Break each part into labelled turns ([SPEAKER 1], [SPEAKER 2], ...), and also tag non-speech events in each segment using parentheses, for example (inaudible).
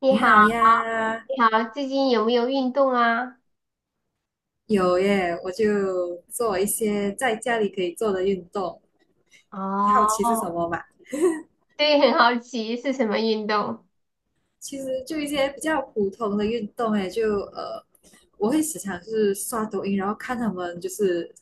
[SPEAKER 1] 你
[SPEAKER 2] 你
[SPEAKER 1] 好，
[SPEAKER 2] 好呀。
[SPEAKER 1] 你好，最近有没有运动啊？
[SPEAKER 2] 有耶，我就做一些在家里可以做的运动。你好奇是什
[SPEAKER 1] 哦，
[SPEAKER 2] 么嘛？
[SPEAKER 1] 对，很好奇是什么运动？
[SPEAKER 2] 其实就一些比较普通的运动，哎，就呃，我会时常是刷抖音，然后看他们就是，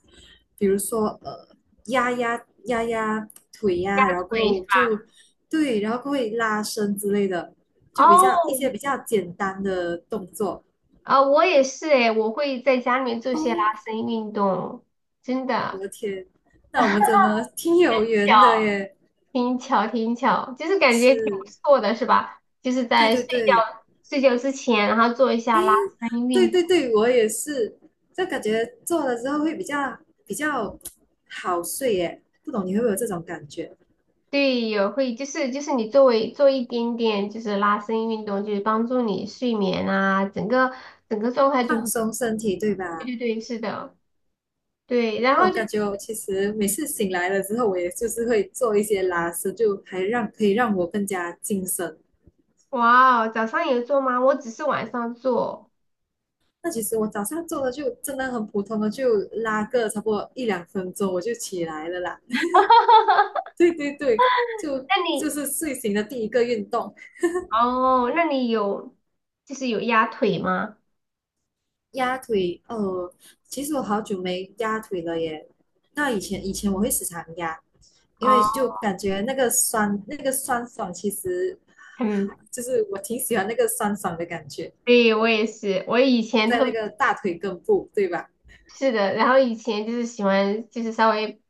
[SPEAKER 2] 比如说压压腿呀、然后过
[SPEAKER 1] 对，
[SPEAKER 2] 后就对，然后过后会拉伸之类的，就比较一些
[SPEAKER 1] 哦，
[SPEAKER 2] 比较简单的动作。
[SPEAKER 1] 啊，我也是诶，我会在家里面做些拉
[SPEAKER 2] 哦，
[SPEAKER 1] 伸运动，真
[SPEAKER 2] 我
[SPEAKER 1] 的。
[SPEAKER 2] 的天，那我
[SPEAKER 1] (laughs)
[SPEAKER 2] 们真的挺有缘
[SPEAKER 1] 巧，
[SPEAKER 2] 的耶，
[SPEAKER 1] 挺巧，挺巧，就是感觉挺不
[SPEAKER 2] 是。
[SPEAKER 1] 错的，是吧？就是
[SPEAKER 2] 对
[SPEAKER 1] 在
[SPEAKER 2] 对
[SPEAKER 1] 睡
[SPEAKER 2] 对，
[SPEAKER 1] 觉睡觉之前，然后做一
[SPEAKER 2] 哎，
[SPEAKER 1] 下拉伸
[SPEAKER 2] 对
[SPEAKER 1] 运动。
[SPEAKER 2] 对对，我也是，就感觉做了之后会比较好睡耶，不懂你会不会有这种感觉？
[SPEAKER 1] 对，有会就是你做一点点就是拉伸运动，就是帮助你睡眠啊，整个状态就
[SPEAKER 2] 放
[SPEAKER 1] 很。
[SPEAKER 2] 松身体，对
[SPEAKER 1] 对
[SPEAKER 2] 吧？
[SPEAKER 1] 对对，是的。对，然
[SPEAKER 2] 我
[SPEAKER 1] 后就
[SPEAKER 2] 感
[SPEAKER 1] 是
[SPEAKER 2] 觉我其实每次醒来了之后，我也就是会做一些拉伸，就还让可以让我更加精神。
[SPEAKER 1] 哇哦早上有做吗？我只是晚上做。
[SPEAKER 2] 那其实我早上做的就真的很普通的，就拉个差不多一两分钟我就起来了啦。
[SPEAKER 1] (laughs) 那
[SPEAKER 2] (laughs) 对对对，就
[SPEAKER 1] 你
[SPEAKER 2] 是睡醒的第一个运动。
[SPEAKER 1] 哦，那你有就是有压腿吗？
[SPEAKER 2] 压腿，哦，其实我好久没压腿了耶。那以前我会时常压，因为
[SPEAKER 1] 哦，
[SPEAKER 2] 就感觉那个酸爽，其实
[SPEAKER 1] 嗯，
[SPEAKER 2] 就是我挺喜欢那个酸爽的感觉，
[SPEAKER 1] 对，我也是，我以前
[SPEAKER 2] 在
[SPEAKER 1] 特
[SPEAKER 2] 那
[SPEAKER 1] 别
[SPEAKER 2] 个大腿根部，对吧？
[SPEAKER 1] 是的，然后以前就是喜欢就是稍微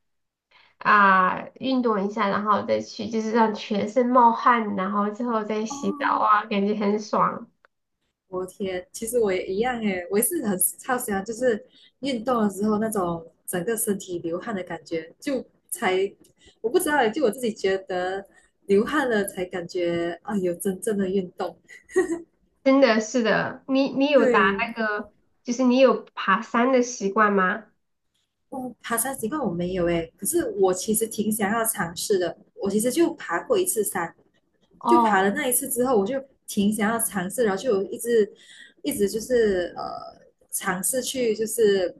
[SPEAKER 1] 运动一下，然后再去就是让全身冒汗，然后之后再洗澡
[SPEAKER 2] 哦，
[SPEAKER 1] 啊，感觉很爽。
[SPEAKER 2] 我天，其实我也一样耶，我也是很超喜欢，就是运动的时候那种整个身体流汗的感觉，就才我不知道耶，就我自己觉得流汗了才感觉啊有真正的运动，
[SPEAKER 1] 真的是的，你你有打
[SPEAKER 2] 对。
[SPEAKER 1] 那个就是你有爬山的习惯吗？
[SPEAKER 2] 哦，爬山习惯我没有诶，可是我其实挺想要尝试的。我其实就爬过一次山，就爬了
[SPEAKER 1] 哦。
[SPEAKER 2] 那一次之后，我就挺想要尝试，然后就有一直就是尝试去，就是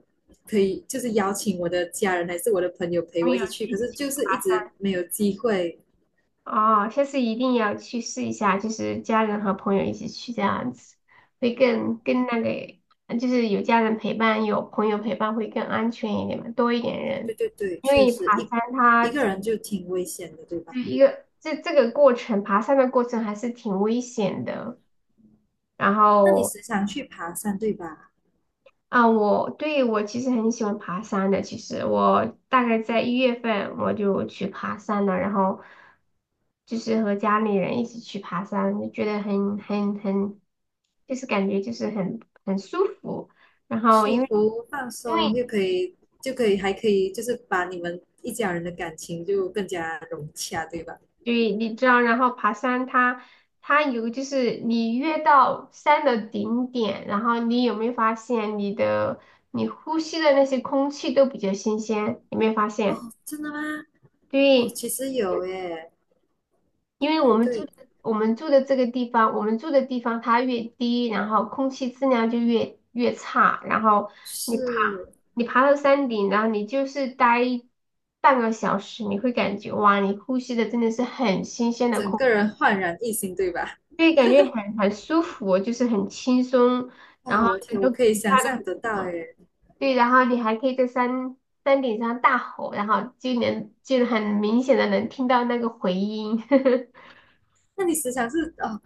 [SPEAKER 2] 可以就是邀请我的家人还是我的朋友陪
[SPEAKER 1] 朋
[SPEAKER 2] 我一
[SPEAKER 1] 友
[SPEAKER 2] 起去，
[SPEAKER 1] 一
[SPEAKER 2] 可是
[SPEAKER 1] 起
[SPEAKER 2] 就
[SPEAKER 1] 去。
[SPEAKER 2] 是一直没有机会。
[SPEAKER 1] 哦，下次一定要去试一下，就是家人和朋友一起去这样子，会更那个，就是有家人陪伴，有朋友陪伴会更安全一点嘛，多一点
[SPEAKER 2] 对
[SPEAKER 1] 人。
[SPEAKER 2] 对对，
[SPEAKER 1] 因
[SPEAKER 2] 确
[SPEAKER 1] 为
[SPEAKER 2] 实
[SPEAKER 1] 爬
[SPEAKER 2] 一
[SPEAKER 1] 山它
[SPEAKER 2] 个
[SPEAKER 1] 这
[SPEAKER 2] 人就挺危险的，对吧？
[SPEAKER 1] 一个这这个过程，爬山的过程还是挺危险的，然
[SPEAKER 2] 那你
[SPEAKER 1] 后
[SPEAKER 2] 时常去爬山，对吧？
[SPEAKER 1] 啊，我，对，我其实很喜欢爬山的。其实我大概在1月份我就去爬山了，然后就是和家里人一起去爬山，就觉得很很很，就是感觉就是很舒服。然后
[SPEAKER 2] 舒
[SPEAKER 1] 因为
[SPEAKER 2] 服、放
[SPEAKER 1] 因为
[SPEAKER 2] 松，又可以还可以，就是把你们一家人的感情就更加融洽，对吧？
[SPEAKER 1] 对，你知道，然后爬山它有就是你越到山的顶点，然后你有没有发现你的你呼吸的那些空气都比较新鲜？有没有发
[SPEAKER 2] 哦，
[SPEAKER 1] 现？
[SPEAKER 2] 真的吗？哦，
[SPEAKER 1] 对。
[SPEAKER 2] 其实有耶，
[SPEAKER 1] 因
[SPEAKER 2] 对
[SPEAKER 1] 为我
[SPEAKER 2] 对
[SPEAKER 1] 们住
[SPEAKER 2] 对，
[SPEAKER 1] 的我们住的这个地方，我们住的地方它越低，然后空气质量就越差，然后你爬
[SPEAKER 2] 是
[SPEAKER 1] 你爬到山顶，然后你就是待半个小时，你会感觉哇，你呼吸的真的是很新鲜的
[SPEAKER 2] 整
[SPEAKER 1] 空气，
[SPEAKER 2] 个人焕然一新，对吧？
[SPEAKER 1] 所以感觉很舒服，就是很轻松，然
[SPEAKER 2] 哦，
[SPEAKER 1] 后
[SPEAKER 2] 我
[SPEAKER 1] 整
[SPEAKER 2] 天，我
[SPEAKER 1] 个骨
[SPEAKER 2] 可以想
[SPEAKER 1] 架都
[SPEAKER 2] 象
[SPEAKER 1] 很
[SPEAKER 2] 得到
[SPEAKER 1] 爽。
[SPEAKER 2] 耶。
[SPEAKER 1] 对，然后你还可以在山顶上大吼，然后就很明显的能听到那个回音。(laughs)
[SPEAKER 2] 那你时常是哦，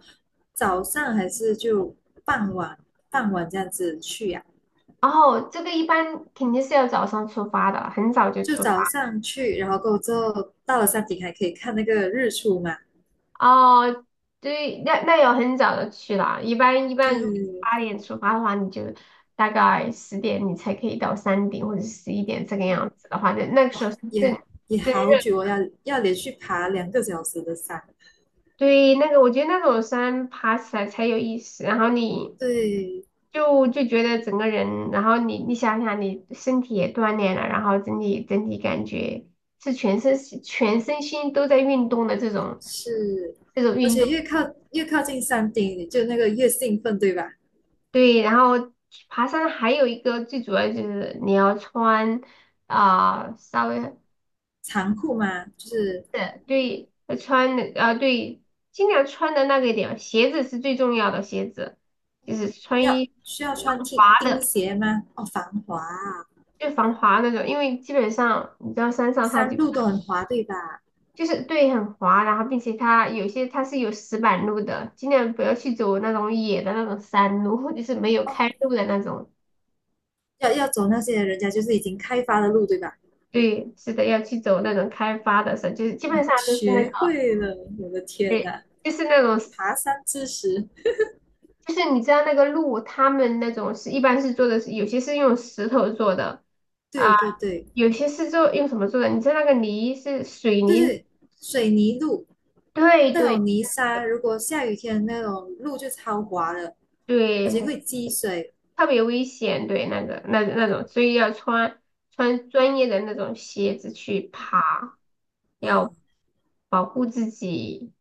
[SPEAKER 2] 早上还是就傍晚，傍晚这样子去呀、
[SPEAKER 1] 然后这个一般肯定是要早上出发的，很早就
[SPEAKER 2] 就
[SPEAKER 1] 出
[SPEAKER 2] 早
[SPEAKER 1] 发。
[SPEAKER 2] 上去，然后过后之后到了山顶还可以看那个日出嘛？
[SPEAKER 1] 哦，对，那要很早的去了。一般一般，如果
[SPEAKER 2] 对，
[SPEAKER 1] 8点出发的话，你就大概10点你才可以到山顶，或者11点这个样子的话，那个时候是
[SPEAKER 2] 也
[SPEAKER 1] 正
[SPEAKER 2] 也
[SPEAKER 1] 正热。
[SPEAKER 2] 好久哦，要连续爬2个小时的山。
[SPEAKER 1] 对，那个我觉得那种山爬起来才有意思，然后你
[SPEAKER 2] 对，
[SPEAKER 1] 就就觉得整个人，然后你想想，你身体也锻炼了，然后整体感觉是全身心都在运动的这种。
[SPEAKER 2] 是，
[SPEAKER 1] 这种
[SPEAKER 2] 而
[SPEAKER 1] 运
[SPEAKER 2] 且
[SPEAKER 1] 动，
[SPEAKER 2] 越靠近山顶，你就那个越兴奋，对吧？
[SPEAKER 1] 对，然后爬山还有一个最主要就是你要穿稍微的，
[SPEAKER 2] 长裤吗？就是
[SPEAKER 1] 对，要穿的,对，尽量穿的那个一点，鞋子是最重要的，鞋子就是穿一
[SPEAKER 2] 需要穿
[SPEAKER 1] 防
[SPEAKER 2] 钉
[SPEAKER 1] 滑
[SPEAKER 2] 钉
[SPEAKER 1] 的，
[SPEAKER 2] 鞋吗？哦，防滑啊，
[SPEAKER 1] 就防滑那种，因为基本上你知道山上它
[SPEAKER 2] 山
[SPEAKER 1] 就
[SPEAKER 2] 路都很滑，对吧？
[SPEAKER 1] 就是对很滑，然后并且它有些它是有石板路的，尽量不要去走那种野的那种山路。(laughs) 就是没有
[SPEAKER 2] 哦，
[SPEAKER 1] 开路的那种。
[SPEAKER 2] 要走那些人家就是已经开发的路，对吧？
[SPEAKER 1] 对，是的，要去走那种开发的时候，就是基本
[SPEAKER 2] 哇，
[SPEAKER 1] 上都是那个，
[SPEAKER 2] 学会了，我的天
[SPEAKER 1] 对，
[SPEAKER 2] 呐，
[SPEAKER 1] 就是那种石，
[SPEAKER 2] 爬山知识，
[SPEAKER 1] 就是你知道那个路，他们那种是一般是做的是，有些是用石头做的，啊，
[SPEAKER 2] 对对对
[SPEAKER 1] 有些是做用什么做的？你知道那个泥是水
[SPEAKER 2] 就
[SPEAKER 1] 泥，
[SPEAKER 2] 是水泥路，
[SPEAKER 1] 对
[SPEAKER 2] 那
[SPEAKER 1] 对
[SPEAKER 2] 种泥沙，如果下雨天那种路就超滑的，而且
[SPEAKER 1] 对，
[SPEAKER 2] 会积水。
[SPEAKER 1] 特别危险，对那个那种，所以要穿穿专业的那种鞋子去爬，要保护自己，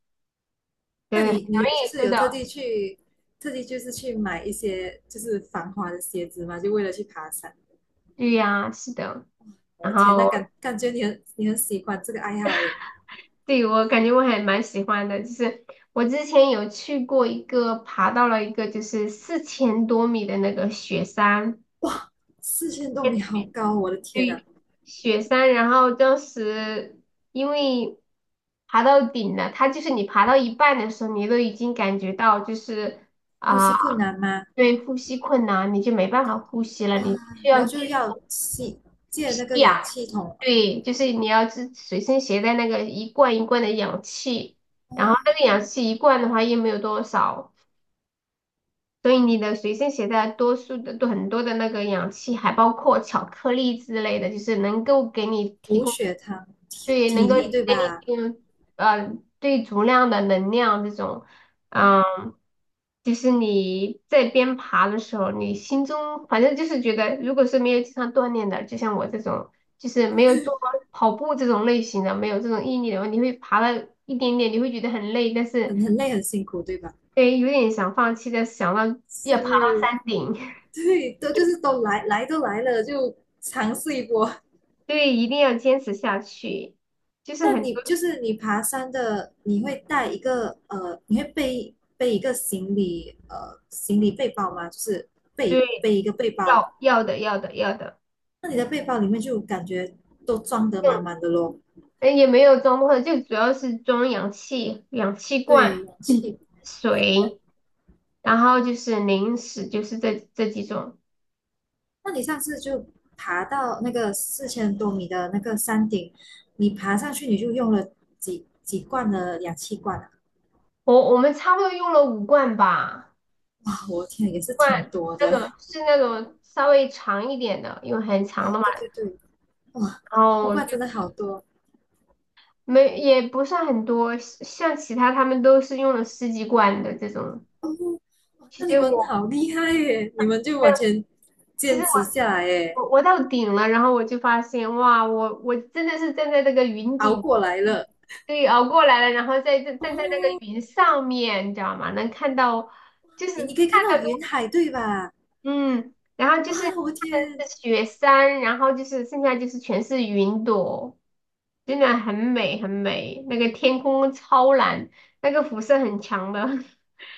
[SPEAKER 2] 那
[SPEAKER 1] 对，很容
[SPEAKER 2] 你就
[SPEAKER 1] 易
[SPEAKER 2] 是
[SPEAKER 1] 受
[SPEAKER 2] 有特地
[SPEAKER 1] 到，
[SPEAKER 2] 去，特地就是去买一些就是防滑的鞋子嘛，就为了去爬山。
[SPEAKER 1] 对呀，是的，
[SPEAKER 2] 我
[SPEAKER 1] 然
[SPEAKER 2] 的天，那
[SPEAKER 1] 后，
[SPEAKER 2] 感觉你很喜欢这个爱好耶，
[SPEAKER 1] 对，我感觉我还蛮喜欢的，就是我之前有去过一个，爬到了一个就是4000多米的那个雪山。
[SPEAKER 2] 四千多米好高，我的天啊，
[SPEAKER 1] 对，雪山，然后当时因为爬到顶了，它就是你爬到一半的时候，你都已经感觉到就是
[SPEAKER 2] 呼
[SPEAKER 1] 啊。
[SPEAKER 2] 吸困难吗？
[SPEAKER 1] 对，呼吸困难，你就没办法呼吸了，
[SPEAKER 2] 哇，
[SPEAKER 1] 你需要
[SPEAKER 2] 然后就
[SPEAKER 1] 接
[SPEAKER 2] 要借那个
[SPEAKER 1] 氧。
[SPEAKER 2] 氧气筒
[SPEAKER 1] 对，就是你要随身携带那个一罐一罐的氧气，然后那个氧气一罐的话又没有多少，所以你的随身携带多数的都很多的那个氧气，还包括巧克力之类的，就是能够给你提
[SPEAKER 2] 补
[SPEAKER 1] 供。
[SPEAKER 2] 血糖，体
[SPEAKER 1] 对，能
[SPEAKER 2] 体
[SPEAKER 1] 够
[SPEAKER 2] 力对
[SPEAKER 1] 给
[SPEAKER 2] 吧？
[SPEAKER 1] 你呃对足量的能量这种。嗯，就是你在边爬的时候，你心中反正就是觉得，如果是没有经常锻炼的，就像我这种，就是没有做过跑步这种类型的，没有这种毅力的话，你会爬了一点点，你会觉得很累，但是
[SPEAKER 2] 很累很辛苦对吧？
[SPEAKER 1] 对，有点想放弃，但是想到要爬到
[SPEAKER 2] 是
[SPEAKER 1] 山顶。
[SPEAKER 2] 对，都就是都来都来了，就尝试一波。
[SPEAKER 1] (laughs) 对，一定要坚持下去，就是
[SPEAKER 2] 那
[SPEAKER 1] 很
[SPEAKER 2] 你
[SPEAKER 1] 多
[SPEAKER 2] 就是你爬山的，你会带一个呃，你会背一个行李呃行李背包吗？就是背
[SPEAKER 1] 对
[SPEAKER 2] 背一个背包，
[SPEAKER 1] 要的要的要的。
[SPEAKER 2] 那你的背包里面就感觉都装得满满的咯。
[SPEAKER 1] 哎，也没有装少，就主要是装氧气、氧气罐、
[SPEAKER 2] 对，氧
[SPEAKER 1] 嗯
[SPEAKER 2] 气。
[SPEAKER 1] 水，然后就是零食，就是这几种。
[SPEAKER 2] 那你上次就爬到那个四千多米的那个山顶，你爬上去你就用了几罐的氧气罐啊？
[SPEAKER 1] 我们差不多用了5罐吧，
[SPEAKER 2] (laughs) 啊，我天，也是挺
[SPEAKER 1] 罐
[SPEAKER 2] 多
[SPEAKER 1] 那
[SPEAKER 2] 的。
[SPEAKER 1] 种
[SPEAKER 2] (laughs)
[SPEAKER 1] 是那种稍微长一点的，因为很
[SPEAKER 2] 啊，
[SPEAKER 1] 长的嘛，
[SPEAKER 2] 对对对，哇，
[SPEAKER 1] 然
[SPEAKER 2] 卜
[SPEAKER 1] 后
[SPEAKER 2] 卦
[SPEAKER 1] 就
[SPEAKER 2] 真的好多
[SPEAKER 1] 没也不算很多，像其他他们都是用了十几罐的这种。
[SPEAKER 2] 哦，哇，
[SPEAKER 1] 其
[SPEAKER 2] 那你
[SPEAKER 1] 实
[SPEAKER 2] 们
[SPEAKER 1] 我。
[SPEAKER 2] 好厉害耶！你们就完全
[SPEAKER 1] 其实。
[SPEAKER 2] 坚持下来耶，
[SPEAKER 1] 我我到顶了，然后我就发现，哇，我真的是站在这个云
[SPEAKER 2] 熬
[SPEAKER 1] 顶。
[SPEAKER 2] 过来了。
[SPEAKER 1] 对，熬过来了，然后在站站在那个
[SPEAKER 2] 哦，
[SPEAKER 1] 云上面，你知道吗？能看到，就是
[SPEAKER 2] 你可以
[SPEAKER 1] 看
[SPEAKER 2] 看到
[SPEAKER 1] 到都，
[SPEAKER 2] 云海对吧？
[SPEAKER 1] 嗯，然后就
[SPEAKER 2] 哇，
[SPEAKER 1] 是看
[SPEAKER 2] 我
[SPEAKER 1] 的
[SPEAKER 2] 天！
[SPEAKER 1] 是雪山，然后就是剩下就是全是云朵，真的很美很美，那个天空超蓝，那个辐射很强的。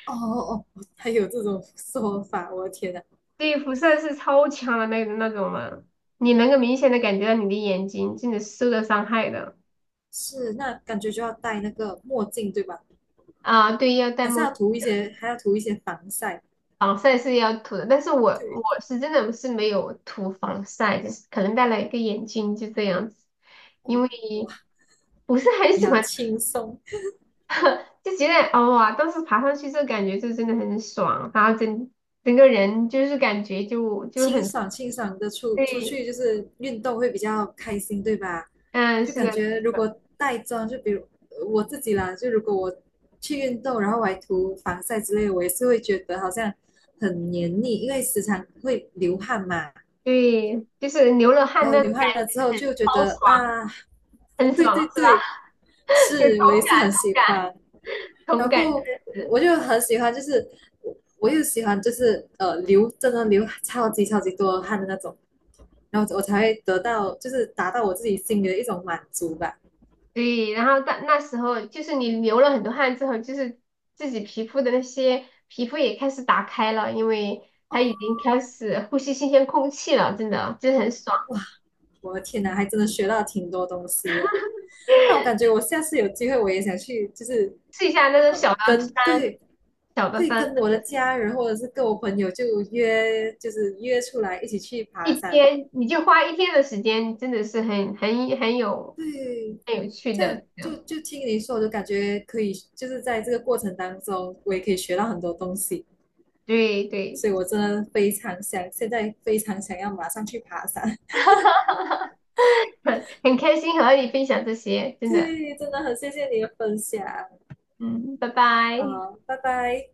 [SPEAKER 2] 哦哦哦，还有这种说法，我的天呐，
[SPEAKER 1] (laughs) 对，辐射是超强的那种的，你能够明显的感觉到你的眼睛真的是受到伤害的。
[SPEAKER 2] 是，那感觉就要戴那个墨镜对吧？
[SPEAKER 1] 啊，对，要戴
[SPEAKER 2] 还是
[SPEAKER 1] 墨
[SPEAKER 2] 要
[SPEAKER 1] 镜，
[SPEAKER 2] 涂一些，还要涂一些防晒。
[SPEAKER 1] 防晒是要涂的，但是我
[SPEAKER 2] 对，
[SPEAKER 1] 是真的是没有涂防晒，就是可能戴了一个眼镜就这样子，因为
[SPEAKER 2] 哇，
[SPEAKER 1] 不是很
[SPEAKER 2] 你
[SPEAKER 1] 喜
[SPEAKER 2] 好
[SPEAKER 1] 欢。
[SPEAKER 2] 轻松。
[SPEAKER 1] (laughs) 就觉得哦哇，当时爬上去这感觉就真的很爽，然后整个人就是感觉就
[SPEAKER 2] 清
[SPEAKER 1] 很，
[SPEAKER 2] 爽清爽的出
[SPEAKER 1] 对。
[SPEAKER 2] 去，就是运动会比较开心，对吧？
[SPEAKER 1] 嗯，
[SPEAKER 2] 就
[SPEAKER 1] 是
[SPEAKER 2] 感
[SPEAKER 1] 的，
[SPEAKER 2] 觉
[SPEAKER 1] 是
[SPEAKER 2] 如
[SPEAKER 1] 的，
[SPEAKER 2] 果带妆，就比如我自己啦，就如果我去运动，然后我还涂防晒之类的我也是会觉得好像很黏腻，因为时常会流汗嘛。
[SPEAKER 1] 对，就是流了汗
[SPEAKER 2] 然后
[SPEAKER 1] 那
[SPEAKER 2] 流
[SPEAKER 1] 种感
[SPEAKER 2] 汗了
[SPEAKER 1] 觉是
[SPEAKER 2] 之后
[SPEAKER 1] 很
[SPEAKER 2] 就觉
[SPEAKER 1] 超
[SPEAKER 2] 得
[SPEAKER 1] 爽，
[SPEAKER 2] 啊，
[SPEAKER 1] 很
[SPEAKER 2] 对
[SPEAKER 1] 爽
[SPEAKER 2] 对
[SPEAKER 1] 是吧？
[SPEAKER 2] 对，
[SPEAKER 1] (laughs) 有同
[SPEAKER 2] 是我也
[SPEAKER 1] 感，
[SPEAKER 2] 是很
[SPEAKER 1] 同
[SPEAKER 2] 喜
[SPEAKER 1] 感，
[SPEAKER 2] 欢。
[SPEAKER 1] 同
[SPEAKER 2] 然
[SPEAKER 1] 感。
[SPEAKER 2] 后我就很喜欢，就是我我又喜欢就是真的流超级超级多汗的那种。然后我才会得到，就是达到我自己心里的一种满足吧。
[SPEAKER 1] 对，然后到那时候就是你流了很多汗之后，就是自己皮肤的那些皮肤也开始打开了，因为它已经开始呼吸新鲜空气了，真的真是很爽。
[SPEAKER 2] 哇，我的天哪，还真的学到挺多东西的。那我感
[SPEAKER 1] (laughs)
[SPEAKER 2] 觉我下次有机会，我也想去，就是
[SPEAKER 1] 试一下那种小的山，
[SPEAKER 2] 对
[SPEAKER 1] 小的
[SPEAKER 2] 对，
[SPEAKER 1] 山，
[SPEAKER 2] 跟我的家人或者是跟我朋友就约，就是约出来一起去爬
[SPEAKER 1] 一
[SPEAKER 2] 山。
[SPEAKER 1] 天你就花一天的时间，真的是很很很有
[SPEAKER 2] 对，
[SPEAKER 1] 很有趣
[SPEAKER 2] 这样
[SPEAKER 1] 的，这
[SPEAKER 2] 就
[SPEAKER 1] 样
[SPEAKER 2] 就听你说，我就感觉可以，就是在这个过程当中，我也可以学到很多东西。
[SPEAKER 1] 对对。
[SPEAKER 2] 所以我真的非常想，现在非常想要马上去爬山。
[SPEAKER 1] (laughs) 很开心和你分享这些，
[SPEAKER 2] (laughs)
[SPEAKER 1] 真的。
[SPEAKER 2] 对，真的很谢谢你的分享。
[SPEAKER 1] 嗯，拜拜。
[SPEAKER 2] 好，拜拜。